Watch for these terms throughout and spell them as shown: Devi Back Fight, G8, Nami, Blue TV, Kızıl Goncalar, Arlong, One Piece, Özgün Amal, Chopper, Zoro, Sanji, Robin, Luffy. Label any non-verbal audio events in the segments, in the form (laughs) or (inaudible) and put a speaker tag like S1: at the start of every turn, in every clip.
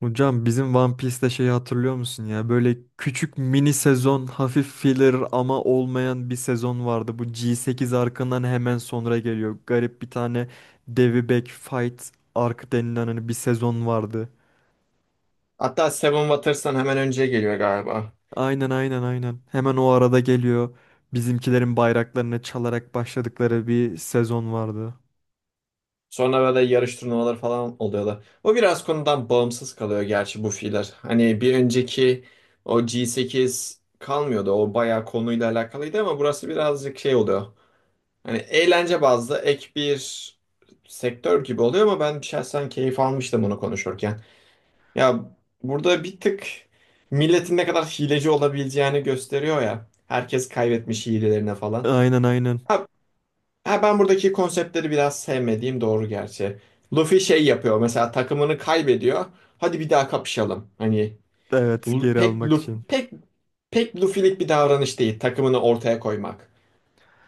S1: Hocam bizim One Piece'te şeyi hatırlıyor musun ya? Böyle küçük mini sezon, hafif filler ama olmayan bir sezon vardı. Bu G8 arkından hemen sonra geliyor. Garip bir tane Devi Back Fight arc denilen hani bir sezon vardı.
S2: Hatta Seven Waters'tan hemen önce geliyor galiba.
S1: Aynen aynen aynen. Hemen o arada geliyor. Bizimkilerin bayraklarını çalarak başladıkları bir sezon vardı.
S2: Sonra böyle yarış turnuvaları falan oluyorlar. O biraz konudan bağımsız kalıyor gerçi bu fiiller. Hani bir önceki o G8 kalmıyordu. O bayağı konuyla alakalıydı ama burası birazcık şey oluyor. Hani eğlence bazlı ek bir sektör gibi oluyor ama ben şahsen keyif almıştım bunu konuşurken. Ya burada bir tık milletin ne kadar hileci olabileceğini gösteriyor ya. Herkes kaybetmiş hilelerine falan.
S1: Aynen aynen.
S2: Ha, Ha, ben buradaki konseptleri biraz sevmediğim doğru gerçi. Luffy şey yapıyor mesela takımını kaybediyor. Hadi bir daha kapışalım. Hani
S1: Evet,
S2: Lu-
S1: geri
S2: pek
S1: almak
S2: Luffy,
S1: için.
S2: pek pek Luffy'lik bir davranış değil takımını ortaya koymak.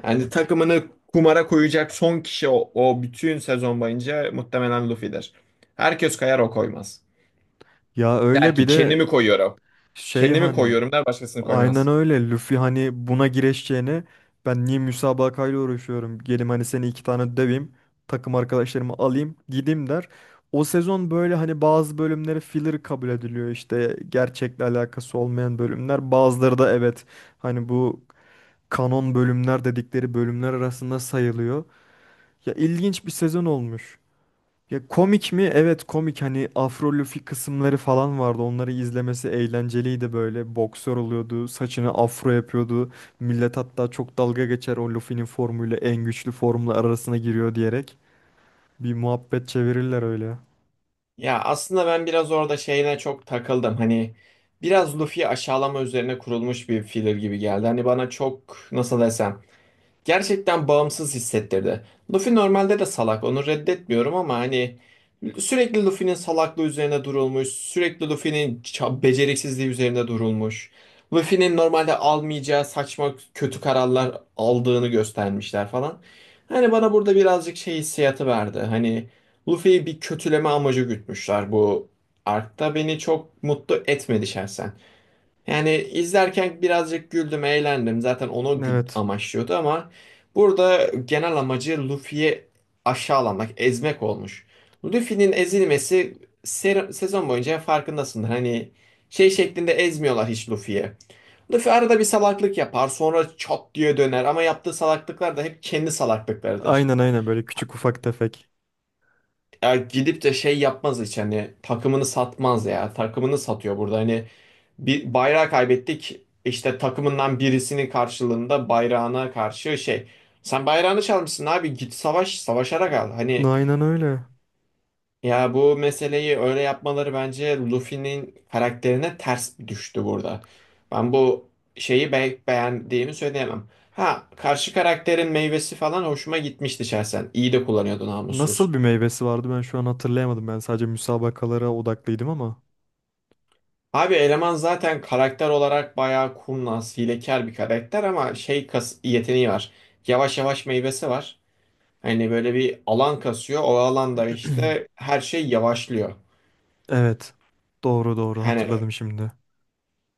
S2: Yani takımını kumara koyacak son kişi o bütün sezon boyunca muhtemelen Luffy'dir. Herkes kayar o koymaz.
S1: Ya
S2: Der
S1: öyle
S2: ki
S1: bir de
S2: kendimi koyuyorum.
S1: şey
S2: Kendimi
S1: hani.
S2: koyuyorum der başkasını
S1: Aynen
S2: koymaz.
S1: öyle. Luffy hani buna gireşeceğine ben niye müsabakayla uğraşıyorum? Gelim hani seni iki tane döveyim. Takım arkadaşlarımı alayım gideyim der. O sezon böyle hani bazı bölümleri filler kabul ediliyor, işte gerçekle alakası olmayan bölümler. Bazıları da evet, hani bu kanon bölümler dedikleri bölümler arasında sayılıyor. Ya ilginç bir sezon olmuş. Ya komik mi? Evet, komik. Hani Afro kısımları falan vardı. Onları izlemesi eğlenceliydi böyle. Boksör oluyordu. Saçını afro yapıyordu. Millet hatta çok dalga geçer, o Luffy'nin formuyla en güçlü formla arasına giriyor diyerek. Bir muhabbet çevirirler öyle.
S2: Ya aslında ben biraz orada şeyine çok takıldım. Hani biraz Luffy'yi aşağılama üzerine kurulmuş bir filler gibi geldi. Hani bana çok nasıl desem gerçekten bağımsız hissettirdi. Luffy normalde de salak, onu reddetmiyorum ama hani sürekli Luffy'nin salaklığı üzerine durulmuş, sürekli Luffy'nin beceriksizliği üzerine durulmuş. Luffy'nin normalde almayacağı saçma kötü kararlar aldığını göstermişler falan. Hani bana burada birazcık şey hissiyatı verdi. Hani Luffy'yi bir kötüleme amacı gütmüşler bu arkta beni çok mutlu etmedi şahsen. Yani izlerken birazcık güldüm, eğlendim. Zaten onu
S1: Evet.
S2: amaçlıyordu ama burada genel amacı Luffy'yi aşağılamak, ezmek olmuş. Luffy'nin ezilmesi sezon boyunca farkındasındır. Hani şey şeklinde ezmiyorlar hiç Luffy'ye. Luffy arada bir salaklık yapar, sonra çat diye döner ama yaptığı salaklıklar da hep kendi salaklıklarıdır.
S1: Aynen aynen, böyle küçük ufak tefek.
S2: Ya gidip de şey yapmaz hiç hani takımını satmaz ya. Takımını satıyor burada hani bir bayrağı kaybettik. İşte takımından birisinin karşılığında bayrağına karşı şey. Sen bayrağını çalmışsın abi git savaş savaşarak al. Hani
S1: Aynen öyle.
S2: ya bu meseleyi öyle yapmaları bence Luffy'nin karakterine ters düştü burada. Ben bu şeyi beğendiğimi söyleyemem. Ha karşı karakterin meyvesi falan hoşuma gitmişti şahsen. İyi de kullanıyordu
S1: Nasıl
S2: namussuz.
S1: bir meyvesi vardı, ben şu an hatırlayamadım. Ben sadece müsabakalara odaklıydım ama.
S2: Abi eleman zaten karakter olarak bayağı kurnaz, hilekar bir karakter ama şey kas yeteneği var. Yavaş yavaş meyvesi var. Hani böyle bir alan kasıyor. O alanda işte
S1: (clears throat)
S2: her şey yavaşlıyor.
S1: Evet. Doğru doğru,
S2: Hani
S1: hatırladım şimdi.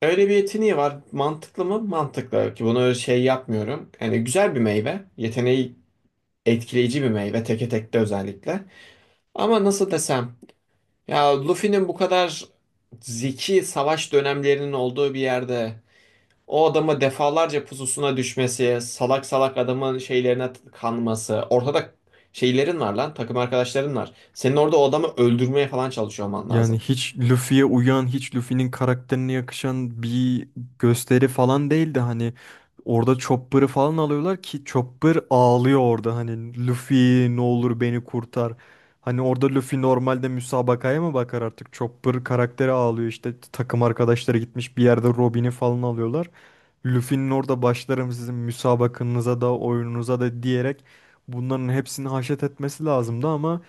S2: öyle bir yeteneği var. Mantıklı mı? Mantıklı. Ki bunu şey yapmıyorum. Yani güzel bir meyve. Yeteneği etkileyici bir meyve. Teke tekte özellikle. Ama nasıl desem? Ya Luffy'nin bu kadar zeki savaş dönemlerinin olduğu bir yerde o adamı defalarca pususuna düşmesi, salak salak adamın şeylerine kanması. Ortada şeylerin var lan, takım arkadaşların var. Senin orada o adamı öldürmeye falan çalışıyor olman
S1: Yani
S2: lazım.
S1: hiç Luffy'ye uyan, hiç Luffy'nin karakterine yakışan bir gösteri falan değildi. Hani orada Chopper'ı falan alıyorlar ki Chopper ağlıyor orada. Hani Luffy ne olur beni kurtar. Hani orada Luffy normalde müsabakaya mı bakar artık? Chopper karakteri ağlıyor, işte takım arkadaşları gitmiş, bir yerde Robin'i falan alıyorlar. Luffy'nin orada başlarım sizin müsabakanıza da oyununuza da diyerek bunların hepsini haşet etmesi lazımdı ama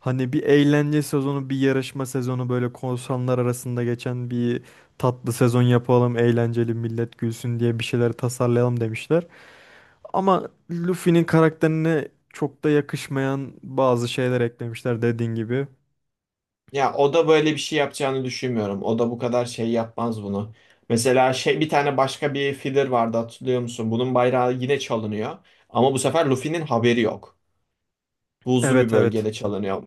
S1: hani bir eğlence sezonu, bir yarışma sezonu, böyle korsanlar arasında geçen bir tatlı sezon yapalım, eğlenceli, millet gülsün diye bir şeyler tasarlayalım demişler. Ama Luffy'nin karakterine çok da yakışmayan bazı şeyler eklemişler, dediğin gibi.
S2: Ya o da böyle bir şey yapacağını düşünmüyorum. O da bu kadar şey yapmaz bunu. Mesela şey bir tane başka bir filler vardı hatırlıyor musun? Bunun bayrağı yine çalınıyor. Ama bu sefer Luffy'nin haberi yok. Buzlu bir
S1: Evet evet.
S2: bölgede çalınıyor.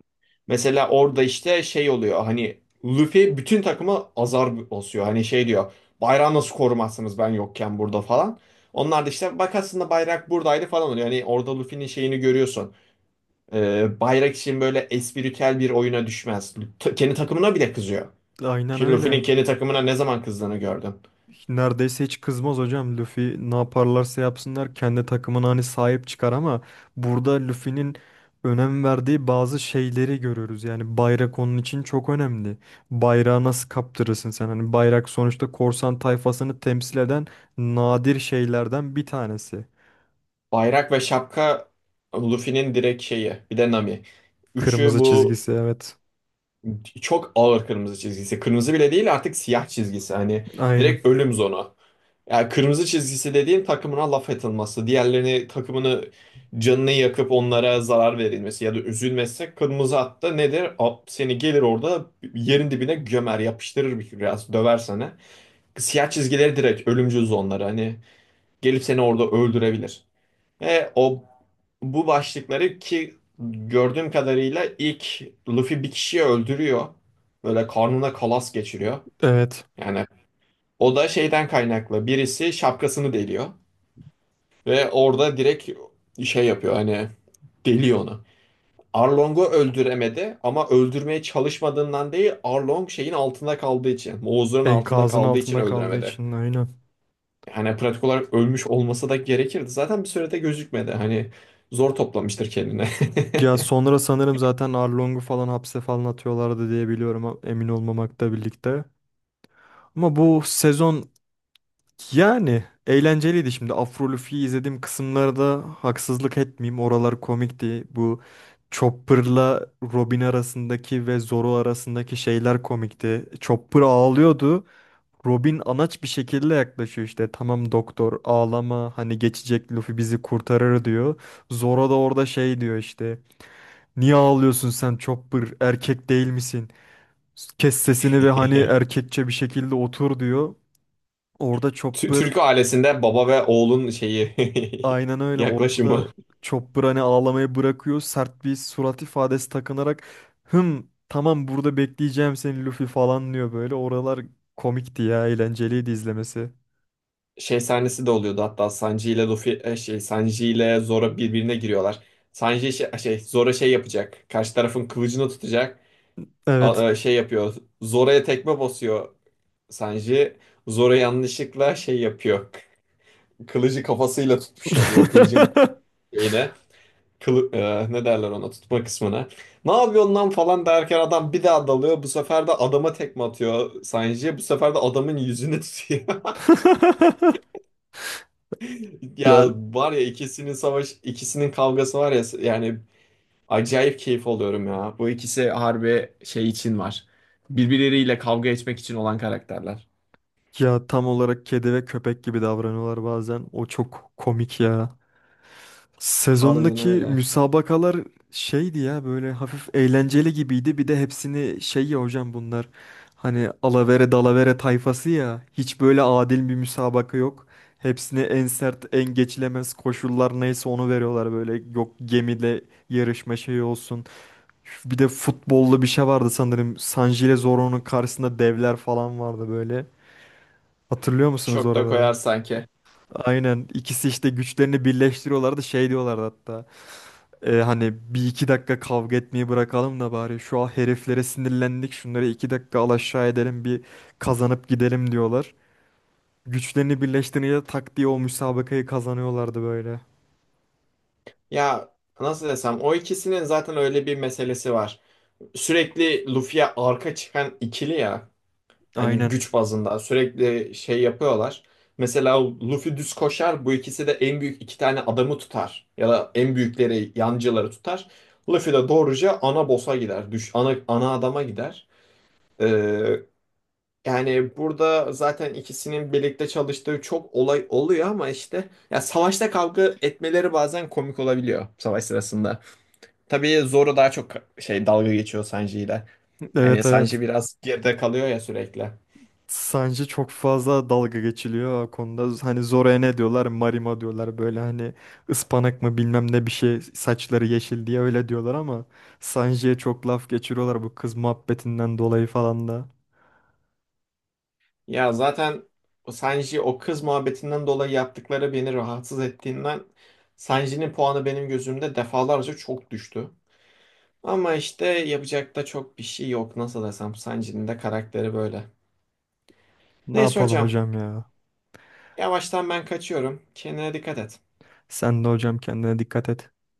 S2: Mesela orada işte şey oluyor hani Luffy bütün takıma azar basıyor. Hani şey diyor bayrağı nasıl korumazsınız ben yokken burada falan. Onlar da işte bak aslında bayrak buradaydı falan oluyor. Hani orada Luffy'nin şeyini görüyorsun. Bayrak için böyle espritüel bir oyuna düşmez. Kendi takımına bile kızıyor.
S1: Aynen
S2: Ki Luffy'nin
S1: öyle.
S2: kendi takımına ne zaman kızdığını gördün.
S1: Neredeyse hiç kızmaz hocam. Luffy ne yaparlarsa yapsınlar kendi takımına hani sahip çıkar ama burada Luffy'nin önem verdiği bazı şeyleri görüyoruz. Yani bayrak onun için çok önemli. Bayrağı nasıl kaptırırsın sen? Hani bayrak sonuçta korsan tayfasını temsil eden nadir şeylerden bir tanesi.
S2: Bayrak ve şapka Luffy'nin direkt şeyi. Bir de Nami. Üçü
S1: Kırmızı
S2: bu
S1: çizgisi, evet.
S2: çok ağır kırmızı çizgisi. Kırmızı bile değil artık siyah çizgisi. Hani
S1: Aynen.
S2: direkt ölüm zonu. Yani kırmızı çizgisi dediğin takımına laf atılması. Diğerlerini takımını canını yakıp onlara zarar verilmesi ya da üzülmesi. Kırmızı hatta nedir? Seni gelir orada yerin dibine gömer, yapıştırır bir biraz, döver sana. Siyah çizgileri direkt ölümcül zonları. Hani gelip seni orada öldürebilir. O bu başlıkları ki gördüğüm kadarıyla ilk Luffy bir kişiyi öldürüyor. Böyle karnına kalas geçiriyor.
S1: Evet.
S2: Yani o da şeyden kaynaklı. Birisi şapkasını deliyor ve orada direkt şey yapıyor hani deliyor onu. Arlong'u öldüremedi ama öldürmeye çalışmadığından değil Arlong şeyin altında kaldığı için, Moğuzların altında
S1: Enkazın
S2: kaldığı için
S1: altında kaldığı
S2: öldüremedi.
S1: için, aynen.
S2: Yani pratik olarak ölmüş olması da gerekirdi. Zaten bir sürede gözükmedi. Hani zor toplamıştır kendine.
S1: Ya
S2: (laughs)
S1: sonra sanırım zaten Arlong'u falan hapse falan atıyorlardı diye biliyorum, emin olmamakla birlikte. Ama bu sezon yani eğlenceliydi şimdi. Afro Luffy'yi izlediğim kısımlarda haksızlık etmeyeyim, oralar komikti. Bu Chopper'la Robin arasındaki ve Zoro arasındaki şeyler komikti. Chopper ağlıyordu. Robin anaç bir şekilde yaklaşıyor işte. Tamam doktor, ağlama, hani geçecek, Luffy bizi kurtarır diyor. Zoro da orada şey diyor işte. Niye ağlıyorsun sen Chopper, erkek değil misin? Kes sesini ve hani
S2: Tü-
S1: erkekçe bir şekilde otur diyor. Orada Chopper,
S2: Türk ailesinde baba ve oğlun şeyi
S1: aynen
S2: (laughs)
S1: öyle. Orada da
S2: yaklaşımı
S1: Chopper hani ağlamayı bırakıyor. Sert bir surat ifadesi takınarak hım tamam, burada bekleyeceğim seni Luffy falan diyor böyle. Oralar komikti ya. Eğlenceliydi izlemesi.
S2: şey sahnesi de oluyordu hatta Sanji ile Luffy şey Sanji ile Zoro birbirine giriyorlar. Sanji şey Zoro şey yapacak. Karşı tarafın kılıcını tutacak.
S1: Evet.
S2: Şey yapıyor. Zoro'ya tekme basıyor Sanji. Zoro yanlışlıkla şey yapıyor. Kılıcı kafasıyla tutmuş oluyor kılıcın
S1: (laughs)
S2: şeyine. Ne derler ona tutma kısmına. Ne yapıyorsun lan falan derken adam bir daha dalıyor. Bu sefer de adama tekme atıyor Sanji. Bu sefer de adamın yüzünü tutuyor. (laughs) Ya
S1: Ya
S2: var ya ikisinin kavgası var ya yani acayip keyif alıyorum ya. Bu ikisi harbi şey için var. Birbirleriyle kavga etmek için olan karakterler.
S1: ya tam olarak kedi ve köpek gibi davranıyorlar bazen. O çok komik ya.
S2: Harbiden
S1: Sezondaki
S2: öyle.
S1: müsabakalar şeydi ya, böyle hafif eğlenceli gibiydi. Bir de hepsini şey, ya hocam bunlar hani alavere dalavere tayfası ya, hiç böyle adil bir müsabaka yok. Hepsine en sert, en geçilemez koşullar neyse onu veriyorlar, böyle yok gemide yarışma şeyi olsun. Bir de futbollu bir şey vardı sanırım, San Zoro'nun karşısında devler falan vardı böyle. Hatırlıyor musunuz
S2: Çok da
S1: oraları?
S2: koyar sanki.
S1: Aynen, ikisi işte güçlerini birleştiriyorlardı, şey diyorlardı hatta. Hani bir iki dakika kavga etmeyi bırakalım da bari şu an heriflere sinirlendik, şunları iki dakika al aşağı edelim, bir kazanıp gidelim diyorlar. Güçlerini birleştirince tak diye o müsabakayı kazanıyorlardı böyle.
S2: Ya nasıl desem o ikisinin zaten öyle bir meselesi var. Sürekli Luffy'ye arka çıkan ikili ya. Hani
S1: Aynen.
S2: güç bazında sürekli şey yapıyorlar. Mesela Luffy düz koşar bu ikisi de en büyük iki tane adamı tutar. Ya da en büyükleri yancıları tutar. Luffy de doğruca ana boss'a gider. Ana adama gider. Ee, Yani burada zaten ikisinin birlikte çalıştığı çok olay oluyor ama işte ya savaşta kavga etmeleri bazen komik olabiliyor savaş sırasında. Tabii Zoro daha çok şey dalga geçiyor Sanji ile. Hani
S1: Evet evet.
S2: Sanji biraz geride kalıyor ya sürekli.
S1: Sanji çok fazla dalga geçiliyor o konuda. Hani Zora'ya ne diyorlar? Marima diyorlar böyle, hani ıspanak mı bilmem ne bir şey, saçları yeşil diye öyle diyorlar ama Sanji'ye çok laf geçiriyorlar bu kız muhabbetinden dolayı falan da.
S2: Ya zaten o Sanji o kız muhabbetinden dolayı yaptıkları beni rahatsız ettiğinden Sanji'nin puanı benim gözümde defalarca çok düştü. Ama işte yapacak da çok bir şey yok. Nasıl desem Sanji'nin de karakteri böyle.
S1: Ne
S2: Neyse
S1: yapalım
S2: hocam,
S1: hocam ya?
S2: yavaştan ben kaçıyorum. Kendine dikkat et.
S1: Sen de hocam kendine dikkat et.